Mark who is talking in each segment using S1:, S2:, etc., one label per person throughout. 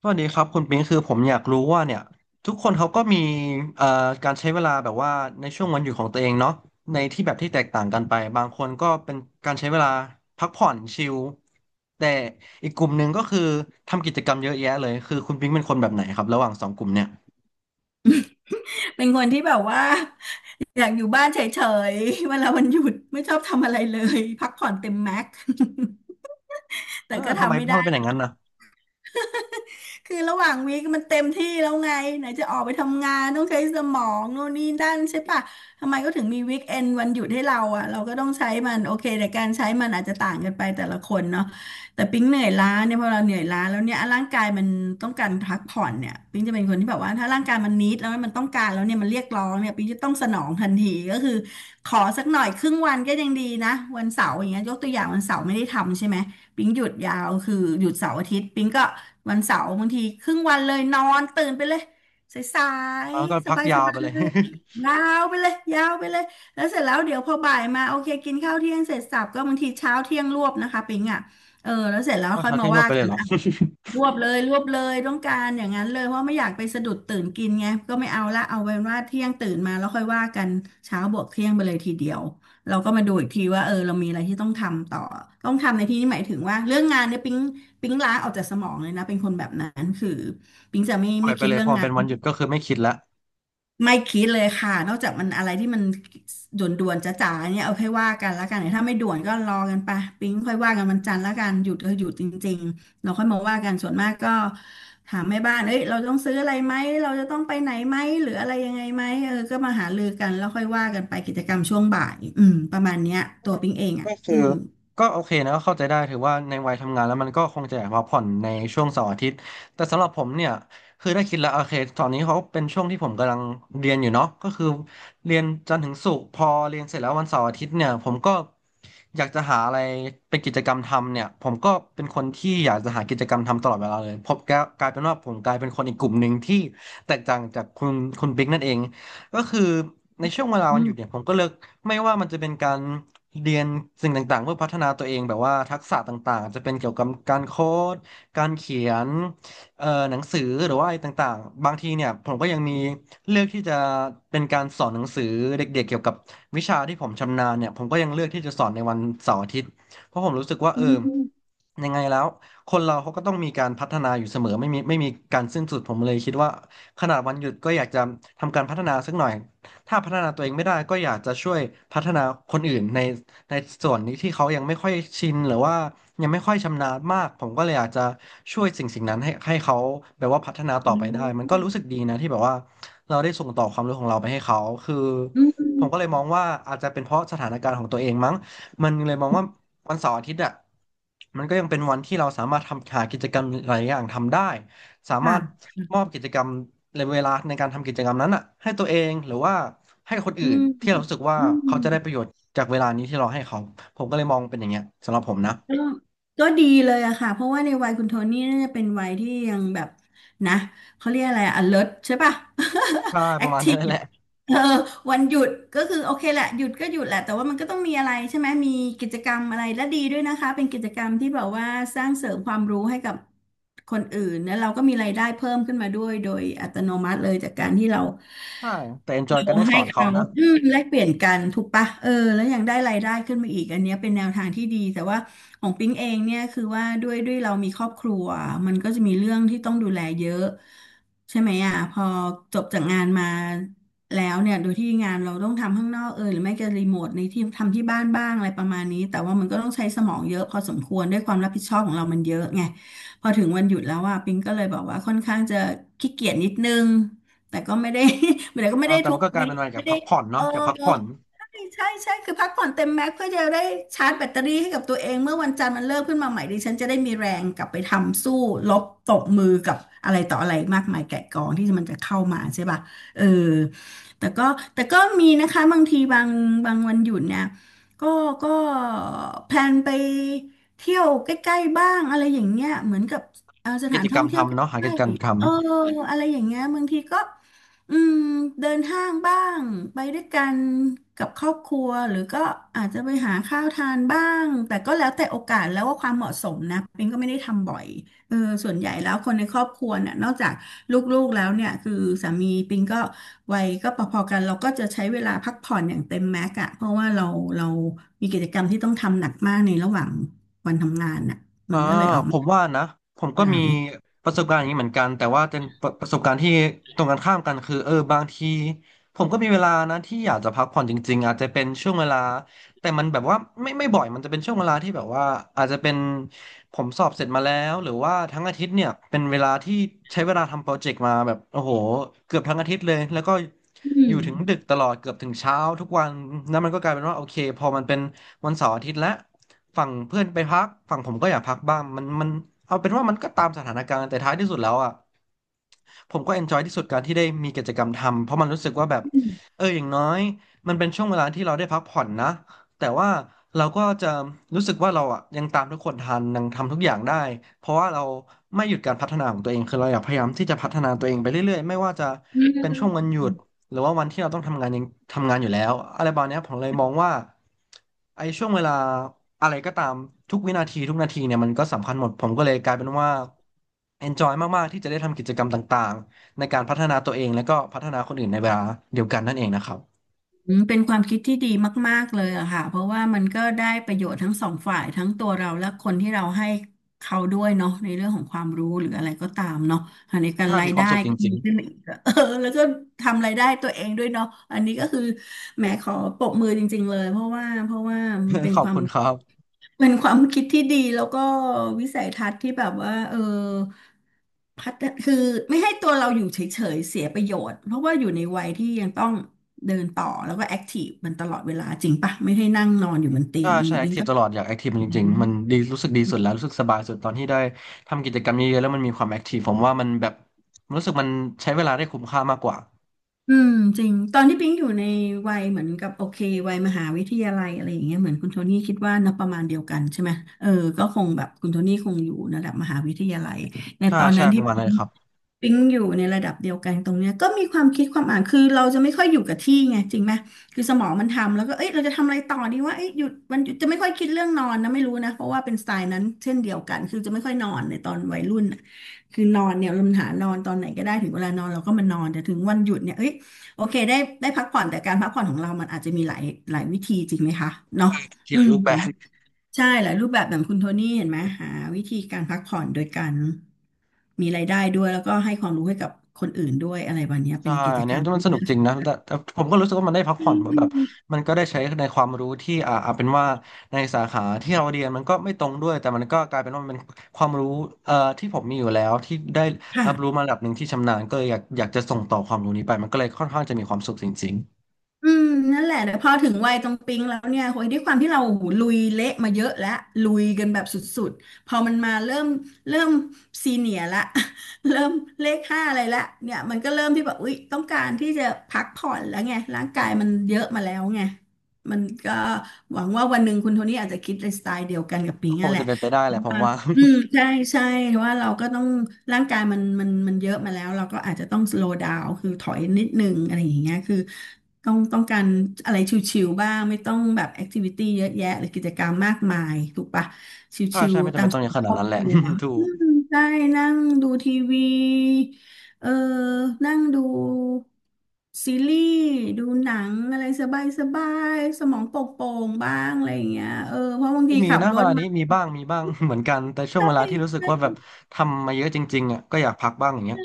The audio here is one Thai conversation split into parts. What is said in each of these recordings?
S1: สวัสดีครับคุณปิงคือผมอยากรู้ว่าเนี่ยทุกคนเขาก็มีเอ่อการใช้เวลาแบบว่าในช่วงวันหยุดของตัวเองเนาะในที่แบบที่แตกต่างกันไปบางคนก็เป็นการใช้เวลาพักผ่อนชิลแต่อีกกลุ่มหนึ่งก็คือทำกิจกรรมเยอะแยะเลยคือคุณปิงเป็นคนแบบไหนครับระหว่างสองกลุ่มเนี่ย
S2: เป็นคนที่แบบว่าอยากอยู่บ้านเฉยๆเวลาวันหยุดไม่ชอบทำอะไรเลยพักผ่อนเต็มแม็ก แต่
S1: เออ
S2: ก็
S1: ทำไม
S2: ทำไม่
S1: ทำ
S2: ได้
S1: ไมเป็นอย่างนั้นนะ
S2: คือระหว่างวีคมันเต็มที่แล้วไงไหนจะออกไปทำงานต้องใช้สมองโน่นนี่นั่นใช่ปะทำไมก็ถึงมีวีคเอนด์วันหยุดให้เราอ่ะเราก็ต้องใช้มันโอเคแต่การใช้มันอาจจะต่างกันไปแต่ละคนเนาะแต่ปิ๊งเหนื่อยล้าเนี่ยพอเราเหนื่อยล้าแล้วเนี่ยร่างกายมันต้องการพักผ่อนเนี่ยปิ๊งจะเป็นคนที่แบบว่าถ้าร่างกายมันนิดแล้วมันต้องการแล้วเนี่ยมันเรียกร้องเนี่ยปิ๊งจะต้องสนองทันทีก็คือขอสักหน่อยครึ่งวันก็ยังดีนะวันเสาร์อย่างเงี้ยยกตัวอย่างวันเสาร์ไม่ได้ทำใช่ไหมปิ๊งหยุดยาวคือหยุดเสาร์อาทิตย์ปิ๊งก็ วันเสาร์บางทีครึ่งวันเลยนอนตื่นไปเลยสาย
S1: แล้วก็
S2: ๆส
S1: พัก
S2: บายส
S1: ยาว
S2: บา
S1: ไป
S2: ย
S1: เลย
S2: ยาวไปเลยยาวไปเลยแล้วเสร็จแล้วเดี๋ยวพอบ่ายมาโอเคกินข้าวเที่ยงเสร็จสับก็บางทีเช้าเที่ยงรวบนะคะปิงอ่ะเออแล้วเสร็จแล้ว
S1: เอา
S2: ค่อย
S1: เช้า
S2: มา
S1: เที่ยงรวบ
S2: ว่า
S1: ไปเล
S2: กั
S1: ย
S2: น
S1: เหรอ
S2: ร วบเลยรวบเลยต้องการอย่างนั้นเลยเพราะไม่อยากไปสะดุดตื่นกินไงก็ไม่เอาละเอาเป็นว่าเที่ยงตื่นมาแล้วค่อยว่ากันเช้าบวกเที่ยงไปเลยทีเดียวเราก็มาดูอีกทีว่าเออเรามีอะไรที่ต้องทำต่อต้องทำในที่นี้หมายถึงว่าเรื่องงานเนี่ยปิ๊งปิ๊งล้างออกจากสมองเลยนะเป็นคนแบบนั้นคือปิ๊งจะไม่
S1: ปล่อ
S2: ไม่
S1: ยไป
S2: คิด
S1: เลย
S2: เรื่อ
S1: พ
S2: ง
S1: อ
S2: งา
S1: เป็
S2: น
S1: นวันหยุดก็คือไม่คิดละ
S2: ไม่คิดเลยค่ะนอกจากมันอะไรที่มันด่วนๆจ๋าๆเนี่ยเอาค่อยว่ากันแล้วกันถ้าไม่ด่วนก็รอกันไปปิ๊งค่อยว่ากันวันจันทร์แล้วกันหยุดก็หยุดจริงๆเราค่อยมาว่ากันส่วนมากก็ถามแม่บ้านเอ้ยเราต้องซื้ออะไรไหมเราจะต้องไปไหนไหมหรืออะไรยังไงไหมเออก็มาหารือกันแล้วค่อยว่ากันไปกิจกรรมช่วงบ่ายอืมประมาณเนี้ยตัวปิ๊งเองอ่ะ
S1: ก็คือ
S2: ซึ่ง
S1: ก็โอเคนะก็เข้าใจได้ถือว่าในวัยทำงานแล้วมันก็คงจะอยากพักผ่อนในช่วงเสาร์อาทิตย์แต่สำหรับผมเนี่ยคือได้คิดแล้วโอเคตอนนี้เขาเป็นช่วงที่ผมกำลังเรียนอยู่เนาะก็คือเรียนจันทร์ถึงศุกร์พอเรียนเสร็จแล้ววันเสาร์อาทิตย์เนี่ยผมก็อยากจะหาอะไรเป็นกิจกรรมทำเนี่ยผมก็เป็นคนที่อยากจะหากิจกรรมทำตลอดเวลาเลยผมก็กลายเป็นว่าผมกลายเป็นคนอีกกลุ่มหนึ่งที่แตกต่างจากคุณบิ๊กนั่นเองก็คือในช่วงเวลา
S2: อื
S1: วันห
S2: ม
S1: ยุดเนี่ยผมก็เลิก ไม่ว่ามันจะเป็นการเรียนสิ่งต่างๆเพื่อพัฒนาตัวเองแบบว่าทักษะต่างๆจะเป็นเกี่ยวกับการโค้ดการเขียนหนังสือหรือว่าอะไรต่างๆบางทีเนี่ยผมก็ยังมีเลือกที่จะเป็นการสอนหนังสือเด็กๆเกี่ยวกับวิชาที่ผมชำนาญเนี่ยผมก็ยังเลือกที่จะสอนในวันเสาร์อาทิตย์เพราะผมรู้สึกว่า
S2: อื
S1: เออ
S2: มอื
S1: ยังไงแล้วคนเราเขาก็ต้องมีการพัฒนาอยู่เสมอไม่มีการสิ้นสุดผมเลยคิดว่าขนาดวันหยุดก็อยากจะทำการพัฒนาสักหน่อย ถ้าพัฒนาตัวเองไม่ได้ก็อยากจะช่วยพัฒนาคนอื่นในส่วนนี้ที่เขายังไม่ค่อยชินหรือว่ายังไม่ค่อยชำนาญมากผมก็เลยอยากจะช่วยสิ่งนั้นให้เขาแบบว่าพัฒนาต่อไปได้มัน
S2: ม
S1: ก็รู้สึกดีนะที่แบบว่าเราได้ส่งต่อความรู้ของเราไปให้เขาคือ
S2: อื
S1: ผมก็เลยม
S2: ม
S1: องว่าอาจจะเป็นเพราะสถานการณ์ของตัวเองมั้งมันเลยมองว่าวันเสาร์อาทิตย์อ่ะมันก็ยังเป็นวันที่เราสามารถทำหากิจกรรมหลายอย่างทำได้ สามารถ
S2: ค่ะ
S1: มอบกิจกรรมในเวลาในการทำกิจกรรมนั้นอ่ะให้ตัวเองหรือว่าให้คน
S2: อื
S1: อื่นที่
S2: ม
S1: เรารู้สึกว่าเขาจะได้ประโยชน์จากเวลานี้ที่เราให้เขาผมก็เลยมองเป็นอย่างเงี้ยสำหรับผมนะ
S2: ก็ก็ดีเลยอะค่ะเพราะว่าในวัยคุณโทนี่น่าจะเป็นวัยที่ยังแบบนะเขาเรียกอะไรอะ alert ใช่ป่ะ
S1: ใช่ ประมาณนั้
S2: active
S1: นแหละ
S2: เออวันหยุดก็คือโอเคแหละหยุดก็หยุดแหละแต่ว่ามันก็ต้องมีอะไรใช่ไหมมีกิจกรรมอะไรและดีด้วยนะคะเป็นกิจกรรมที่แบบว่าสร้างเสริมความรู้ให้กับคนอื่นแล้วเราก็มีรายได้เพิ่มขึ้นมาด้วยโดยอัตโนมัติเลยจากการที่เรา
S1: ใช่แต่ enjoy
S2: เรา
S1: กันได้ส
S2: ให้
S1: อนเขา
S2: เขา
S1: นะ
S2: อืมแลกเปลี่ยนกันถูกปะเออแล้วยังได้รายได้ขึ้นมาอีกอันเนี้ยเป็นแนวทางที่ดีแต่ว่าของปิ๊งเองเนี่ยคือว่าด้วยเรามีครอบครัวมันก็จะมีเรื่องที่ต้องดูแลเยอะใช่ไหมอ่ะพอจบจากงานมาแล้วเนี่ยโดยที่งานเราต้องทำข้างนอกเออหรือไม่ก็รีโมทในที่ทำที่บ้านบ้างอะไรประมาณนี้แต่ว่ามันก็ต้องใช้สมองเยอะพอสมควรด้วยความรับผิดชอบของเรามันเยอะไงพอถึงวันหยุดแล้วอ่ะปิ๊งก็เลยบอกว่าค่อนข้างจะขี้เกียจนิดนึงแต่ก็ไม่ได้ เดี๋ยวก็ไม่ได้
S1: แต่
S2: ทุ
S1: มั
S2: ก
S1: นก็กลาย
S2: วิ
S1: เป็
S2: ค
S1: นอะไรจา
S2: ไม่
S1: ก
S2: ได้
S1: พักผ่อน
S2: เอ
S1: เนาะ
S2: อ
S1: จากพักผ่อน
S2: ใช่ใช่ใช่คือพักผ่อนเต็มแม็กซ์เพื่อจะได้ชาร์จแบตเตอรี่ให้กับตัวเองเมื่อวันจันทร์มันเลิกขึ้นมาใหม่ดิฉันจะได้มีแรงกลับไปทำสู้รบตบมือกับอะไรต่ออะไรมากมายแกะกองที่มันจะเข้ามาใช่ป่ะเออแต่ก็แต่ก็มีนะคะบางทีบางบางวันหยุดเนี่ยก็ก็แพลนไปเที่ยวใกล้ๆบ้างอะไรอย่างเงี้ยเหมือนกับส
S1: กิ
S2: ถาน
S1: จก
S2: ท่
S1: ร
S2: อ
S1: ร
S2: ง
S1: ม
S2: เที่ยวใก
S1: ทำเนาะหากิ
S2: ล้
S1: จกรรมทำ
S2: ๆเอออะไรอย่างเงี้ยบางทีก็ อืมเดินห้างบ้างไปด้วยกันกับครอบครัวหรือก็อาจจะไปหาข้าวทานบ้างแต่ก็แล้วแต่โอกาสแล้วว่าความเหมาะสมนะปิงก็ไม่ได้ทำบ่อยเออส่วนใหญ่แล้วคนในครอบครัวเนี่ยนอกจากลูกๆแล้วเนี่ยคือสามีปิงก็วัยก็พอๆกันเราก็จะใช้เวลาพักผ่อนอย่างเต็มแม็กอะเพราะว่าเรามีกิจกรรมที่ต้องทำหนักมากในระหว่างวันทำงานน่ะมั
S1: อ่า
S2: นก็เลยออก
S1: ผม
S2: มา
S1: ว่านะผมก็
S2: หลา
S1: มี
S2: ย
S1: ประสบการณ์อย่างนี้เหมือนกันแต่ว่าเป็นประสบการณ์ที่ตรงกันข้ามกันคือเออบางทีผมก็มีเวลานะที่อยากจะพักผ่อนจริงๆอาจจะเป็นช่วงเวลาแต่มันแบบว่าไม่บ่อยมันจะเป็นช่วงเวลาที่แบบว่าอาจจะเป็นผมสอบเสร็จมาแล้วหรือว่าทั้งอาทิตย์เนี่ยเป็นเวลาที่ใช้เวลาทำโปรเจกต์มาแบบโอ้โหเกือบทั้งอาทิตย์เลยแล้วก็
S2: อื
S1: อ
S2: ม
S1: ยู่ถึงดึกตลอดเกือบถึงเช้าทุกวันนั่นมันก็กลายเป็นว่าโอเคพอมันเป็น วันเสาร์อาทิตย์และฝั่งเพื่อนไปพักฝั่งผมก็อยากพักบ้างมันเอาเป็นว่ามันก็ตามสถานการณ์แต่ท้ายที่สุดแล้วอ่ะผมก็เอนจอยที่สุดการที่ได้มีกิจกรรมทำเพราะมันรู้สึกว่าแบบ
S2: อืม
S1: เอออย่างน้อยมันเป็นช่วงเวลาที่เราได้พักผ่อนนะแต่ว่าเราก็จะรู้สึกว่าเราอ่ะยังตามทุกคนทันยังทำทุกอย่างได้ เพราะว่าเราไม่หยุดการพัฒนาของตัวเองคือเราอยากพยายามที่จะพัฒนาตัวเองไปเรื่อยๆไม่ว่าจะเป็นช่วงวันหยุด หรือว่าวันที่เราต้องทำงานยังทำงานอยู่แล้วอะไรประมาณเนี้ยผมเลยมองว่าไอ้ช่วงเวลาอะไรก็ตามทุกวินาทีทุกนาทีเนี่ยมันก็สำคัญหมดผมก็เลยกลายเป็นว่า enjoy มากๆที่จะได้ทำกิจกรรมต่างๆในการพัฒนาตัวเองแล้วก็พัฒนาคนอื่นในเวลาเดียวกันนั่นเองนะครับ
S2: อืมเป็นความคิดที่ดีมากๆเลยอะค่ะเพราะว่ามันก็ได้ประโยชน์ทั้งสองฝ่ายทั้งตัวเราและคนที่เราให้เขาด้วยเนาะในเรื่องของความรู้หรืออะไรก็ตามเนาะในการ
S1: ถ้า
S2: รา
S1: มี
S2: ย
S1: ควา
S2: ได้
S1: มสุขจ
S2: ก็
S1: ริ
S2: มี
S1: ง
S2: ขึ้นมาอีกอะ เออแล้วก็ทำรายได้ตัวเองด้วยเนาะอันนี้ก็คือแหมขอปรบมือจริงๆเลยเพราะว่า
S1: ๆ
S2: มันเป็น
S1: ขอ
S2: ค
S1: บ
S2: วาม
S1: คุณครับ
S2: เป็นความคิดที่ดีแล้วก็วิสัยทัศน์ที่แบบว่าเออพัฒนคือไม่ให้ตัวเราอยู่เฉยๆเสียประโยชน์เพราะว่าอยู่ในวัยที่ยังต้องเดินต่อแล้วก็แอคทีฟมันตลอดเวลาจริงปะไม่ให้นั่งนอนอยู่บนเตี
S1: ก็
S2: ยง
S1: ใช้แอ
S2: บิ
S1: ค
S2: ง
S1: ทีฟ
S2: ก็
S1: ตลอดอยากแอคทีฟจริงๆมันดีรู้สึกดีสุดแล้วรู้สึกสบายสุดตอนที่ได้ทำกิจกรรมเยอะๆแล้วมันมีความแอคทีฟผมว่ามันแบบรู้สึกมันใช้เวลาได้คุ้มค่ามากกว่า
S2: อืมจริงตอนที่ปิงอยู่ในวัยเหมือนกับโอเควัยมหาวิทยาลัยอะไรอย่างเงี้ยเหมือนคุณโทนี่คิดว่านะประมาณเดียวกันใช่ไหมเออก็คงแบบคุณโทนี่คงอยู่ระดับมหาวิทยาลัยใน
S1: ใช่
S2: ตอนนั้
S1: ใช่
S2: น
S1: ป
S2: ที่
S1: ระมาณ
S2: ปิ
S1: นั้น
S2: ง
S1: เลยครับ
S2: อยู่ในระดับเดียวกันตรงเนี้ยก็มีความคิดความอ่านคือเราจะไม่ค่อยอยู่กับที่ไงจริงไหมคือสมองมันทำแล้วก็เอ้ยเราจะทำอะไรต่อดีว่าเอ้ยหยุดจะไม่ค่อยคิดเรื่องนอนนะไม่รู้นะเพราะว่าเป็นสไตล์นั้นเช่นเดียวกันคือจะไม่ค่อยนอนในตอนวัยรุ่นน่ะคือนอนเนี่ยเราหานอนตอนไหนก็ได้ถึงเวลานอนเราก็มานอนแต่ถึงวันหยุดเนี่ยเอ้ย โอเคได้ได้พักผ่อนแต่การพักผ่อนของเรามันอาจจะมีหลายวิธีจริงไหมคะเนาะ
S1: เขี
S2: อื
S1: ยน
S2: ม
S1: รูป
S2: อ
S1: แบ
S2: ย่าง
S1: บ
S2: ใช่หลายรูปแบบอย่างคุณโทนี่เห็นไหมหาวิธีการพักผ่อนโดยการมีรายได้ด้วยแล้วก็ให้ความรู้ให้กับคนอื่นด้วยอะไรแบบเนี้ยเป็
S1: ใช่
S2: นกิจ
S1: อัน
S2: ก
S1: เนี้
S2: ร
S1: ย
S2: รม
S1: มั
S2: ที่
S1: นสนุก
S2: น่า
S1: จ
S2: ส
S1: ริง
S2: น
S1: นะ
S2: ใจ
S1: แต่ผมก็รู้สึกว่ามันได้พักผ่อนเหมือนแบบมันก็ได้ใช้ในความรู้ที่เอาเป็นว่าในสาขาที่เราเรียนมันก็ไม่ตรงด้วยแต่มันก็กลายเป็นว่ามันเป็นความรู้ที่ผมมีอยู่แล้วที่ได้
S2: ค่ะ
S1: รับรู้มาระดับหนึ่งที่ชำนาญก็เลยอยากจะส่งต่อความรู้นี้ไปมันก็เลยค่อนข้างจะมีความสุขจริง
S2: อืมนั่นแหละแต่พอถึงวัยตรงปิ๊งแล้วเนี่ยโอยด้วยความที่เราหูลุยเละมาเยอะแล้วลุยกันแบบสุดๆพอมันมาเริ่มซีเนียร์ละ เริ่มเลขห้าอะไรละเนี่ยมันก็เริ่มที่แบบอุ๊ยต้องการที่จะพักผ่อนแล้วไงร่างกายมันเยอะมาแล้วไงมันก็หวังว่าวันหนึ่งคุณโทนี่อาจจะคิดในสไตล์เดียวกันกับ
S1: ๆ
S2: ปิ๊
S1: ก็
S2: ง
S1: ค
S2: นั่
S1: ง
S2: นแห
S1: จะ
S2: ละ
S1: เป็นไปได้แหละผมว่า
S2: อืมใช่ใช่ว่าเราก็ต้องร่างกายมันเยอะมาแล้วเราก็อาจจะต้องสโล w d ดาวคือถอยนิดนึงอะไรอย่างเงี้ยคือต้องการอะไรชิวๆบ้างไม่ต้องแบบแอคทิวิตี้เยอะแยะหรือกิจกรรมมากมายถูกปะช
S1: ถ้า
S2: ิว
S1: ใช่ไม่
S2: ๆ
S1: จำ
S2: ตาม
S1: เป็นต้
S2: ส
S1: องอย่า
S2: ไต
S1: งข
S2: ล์
S1: นา
S2: คร
S1: ด
S2: อบ
S1: นั้นแห
S2: ค
S1: ละ
S2: รัว
S1: ถู
S2: อื
S1: ก
S2: มใช่นั่งดูทีวีเออนั่งดูซีรีส์ดูหนังอะไรสบายสบายสมองโปร่งๆบ้างอะไรอย่างเงี้ยเออเพราะบาง
S1: ก็
S2: ที
S1: มี
S2: ขับ
S1: นะ
S2: ร
S1: เว
S2: ถ
S1: ลา
S2: มา
S1: นี้มีบ้างมีบ้าง เหมือนกันแต่ช่ว
S2: ใช
S1: งเวลาที่รู้สึก
S2: ่
S1: ว่าแบบทำมาเยอะจริงๆอ่ะก็อยากพักบ้างอย่างเงี้ย
S2: ใช่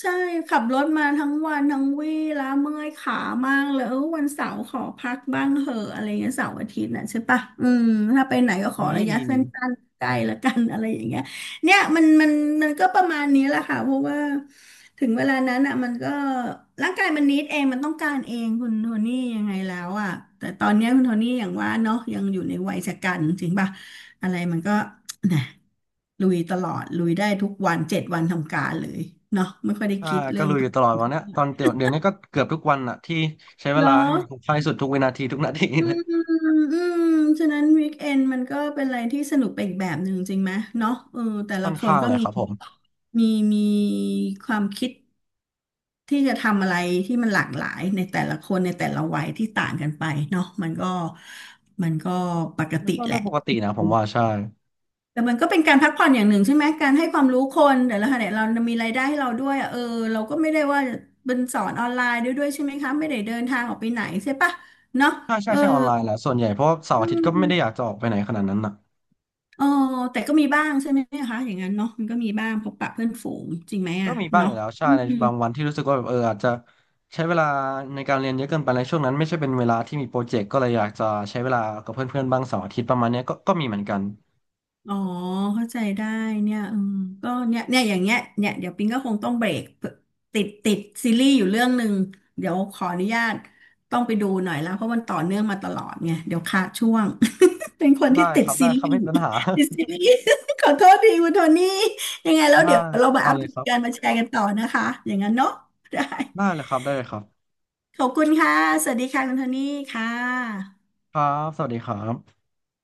S2: ใช่ขับรถมาทั้งวันทั้งวี่ล้าเมื่อยขามากเลยเออวันเสาร์ขอพักบ้างเหอะอะไรเงี้ยเสาร์อาทิตย์น่ะใช่ปะอืมถ้าไปไหนก็ขอ
S1: มี
S2: ระยะ
S1: มี
S2: สั
S1: มี
S2: ้นๆใกล้ละกันอะไรอย่างเงี้ยเนี่ยมันก็ประมาณนี้แหละค่ะเพราะว่าถึงเวลานั้นอ่ะมันก็ร่างกายมันนิดเองมันต้องการเองคุณโทนี่ยังไงแล้วอ่ะแต่ตอนเนี้ยคุณโทนี่อย่างว่าเนาะยังอยู่ในวัยชะกันจริงปะ อะไรมันก็นะลุยตลอด ลุยได้ทุกวันเจ็ดวันทำการเลยเนาะไม่ค่อยได้
S1: ใช่
S2: คิด
S1: ก็
S2: เรื่อง
S1: ลุยอ
S2: พัก
S1: ยู่ตลอดวันเนี้ยตอนเดี๋ยวนี้ก็เกือบทุกวันอะที่ใช้เว
S2: เหรอ
S1: ลาให้มันคุ้มค่าที่สุดทุกวินาทีทุกนาที
S2: อื
S1: เล
S2: ม
S1: ย
S2: อืมฉะนั้นวีคเอนมันก็เป็นอะไรที่สนุกไปอีกแบบหนึ่งจริงไหมเนาะเออแต่
S1: ค่
S2: ละ
S1: อน
S2: คน
S1: ข้าง
S2: ก็
S1: เลยครับผม
S2: มีมีความคิดที่จะทำอะไรที่มันหลากหลายในแต่ละคนในแต่ละวัยที่ต่างกันไปเนาะมันก็ปก
S1: มัน
S2: ติ
S1: ก็
S2: แห
S1: เรื่อง
S2: ละ
S1: ปกตินะผมว่าใช่
S2: แต่มันก็เป็นการพักผ่อนอย่างหนึ่งใช่ไหม การให้ความรู้คนแต่ละขณะเรามีรายได้ให้เราด้วยอะเออเราก็ไม่ได้ว่าเป็นสอนออนไลน์ด้วยใช่ไหมคะไม่ได้เดินทางออกไปไหนใช่ปะเนาะ
S1: ใช่ใช่
S2: เออ
S1: ใช่ออนไลน์แหละส่วนใหญ่เพราะว่าเสาร์
S2: อื
S1: อาทิตย์ก็ไม่ได้อยาก
S2: ม
S1: จะออกไปไหนขนาดนั้นนะ
S2: เออแต่ก็มีบ้างใช่ไหมคะอย่างนั้นเนาะมันก็มีบ้างพบปะเพื่อนฝูงจริงไหม
S1: ก็
S2: อะ
S1: มีบ้างอ
S2: เนาะ
S1: ยู่แล้วใช่
S2: อื
S1: ใน
S2: ม
S1: บางวันที่รู้สึกว่าแบบเอออาจจะใช้เวลาในการเรียนเยอะเกินไปในช่วงนั้นไม่ใช่เป็นเวลาที่มีโปรเจกต์ก็เลยอยากจะใช้เวลากับเพื่อนๆบ้างเสาร์อาทิตย์ประมาณเนี้ยก็ก็มีเหมือนกัน
S2: อ๋อเข้าใจได้เนี่ยอืมก็เนี่ยอย่างเงี้ยเนี่ยเดี๋ยวปิงก็คงต้องเบรกติดซีรีส์อยู่เรื่องหนึ่งเดี๋ยวขออนุญาตต้องไปดูหน่อยแล้วเพราะมันต่อเนื่องมาตลอดไงเดี๋ยวขาดช่วง เป็นคน
S1: ได้
S2: ที่ติ
S1: ค
S2: ด
S1: รับ
S2: ซี
S1: ได้
S2: รี
S1: ครับไม่
S2: ส์
S1: เป็นปัญหา
S2: ติดซีรีส์ ขอโทษทีคุณโทนี่ยังไงแล้ว
S1: ได้
S2: เดี๋ยวเรามา
S1: เอา
S2: อัป
S1: เล
S2: เด
S1: ยค
S2: ต
S1: รั
S2: กัน
S1: บ
S2: มาแชร์กันต่อนะคะอย่างนั้นเนาะได้
S1: ได้เลยครับได้เลยครับ
S2: ขอบคุณค่ะสวัสดีค่ะคุณโทนี่ค่ะ
S1: ครับสวัสดีครับ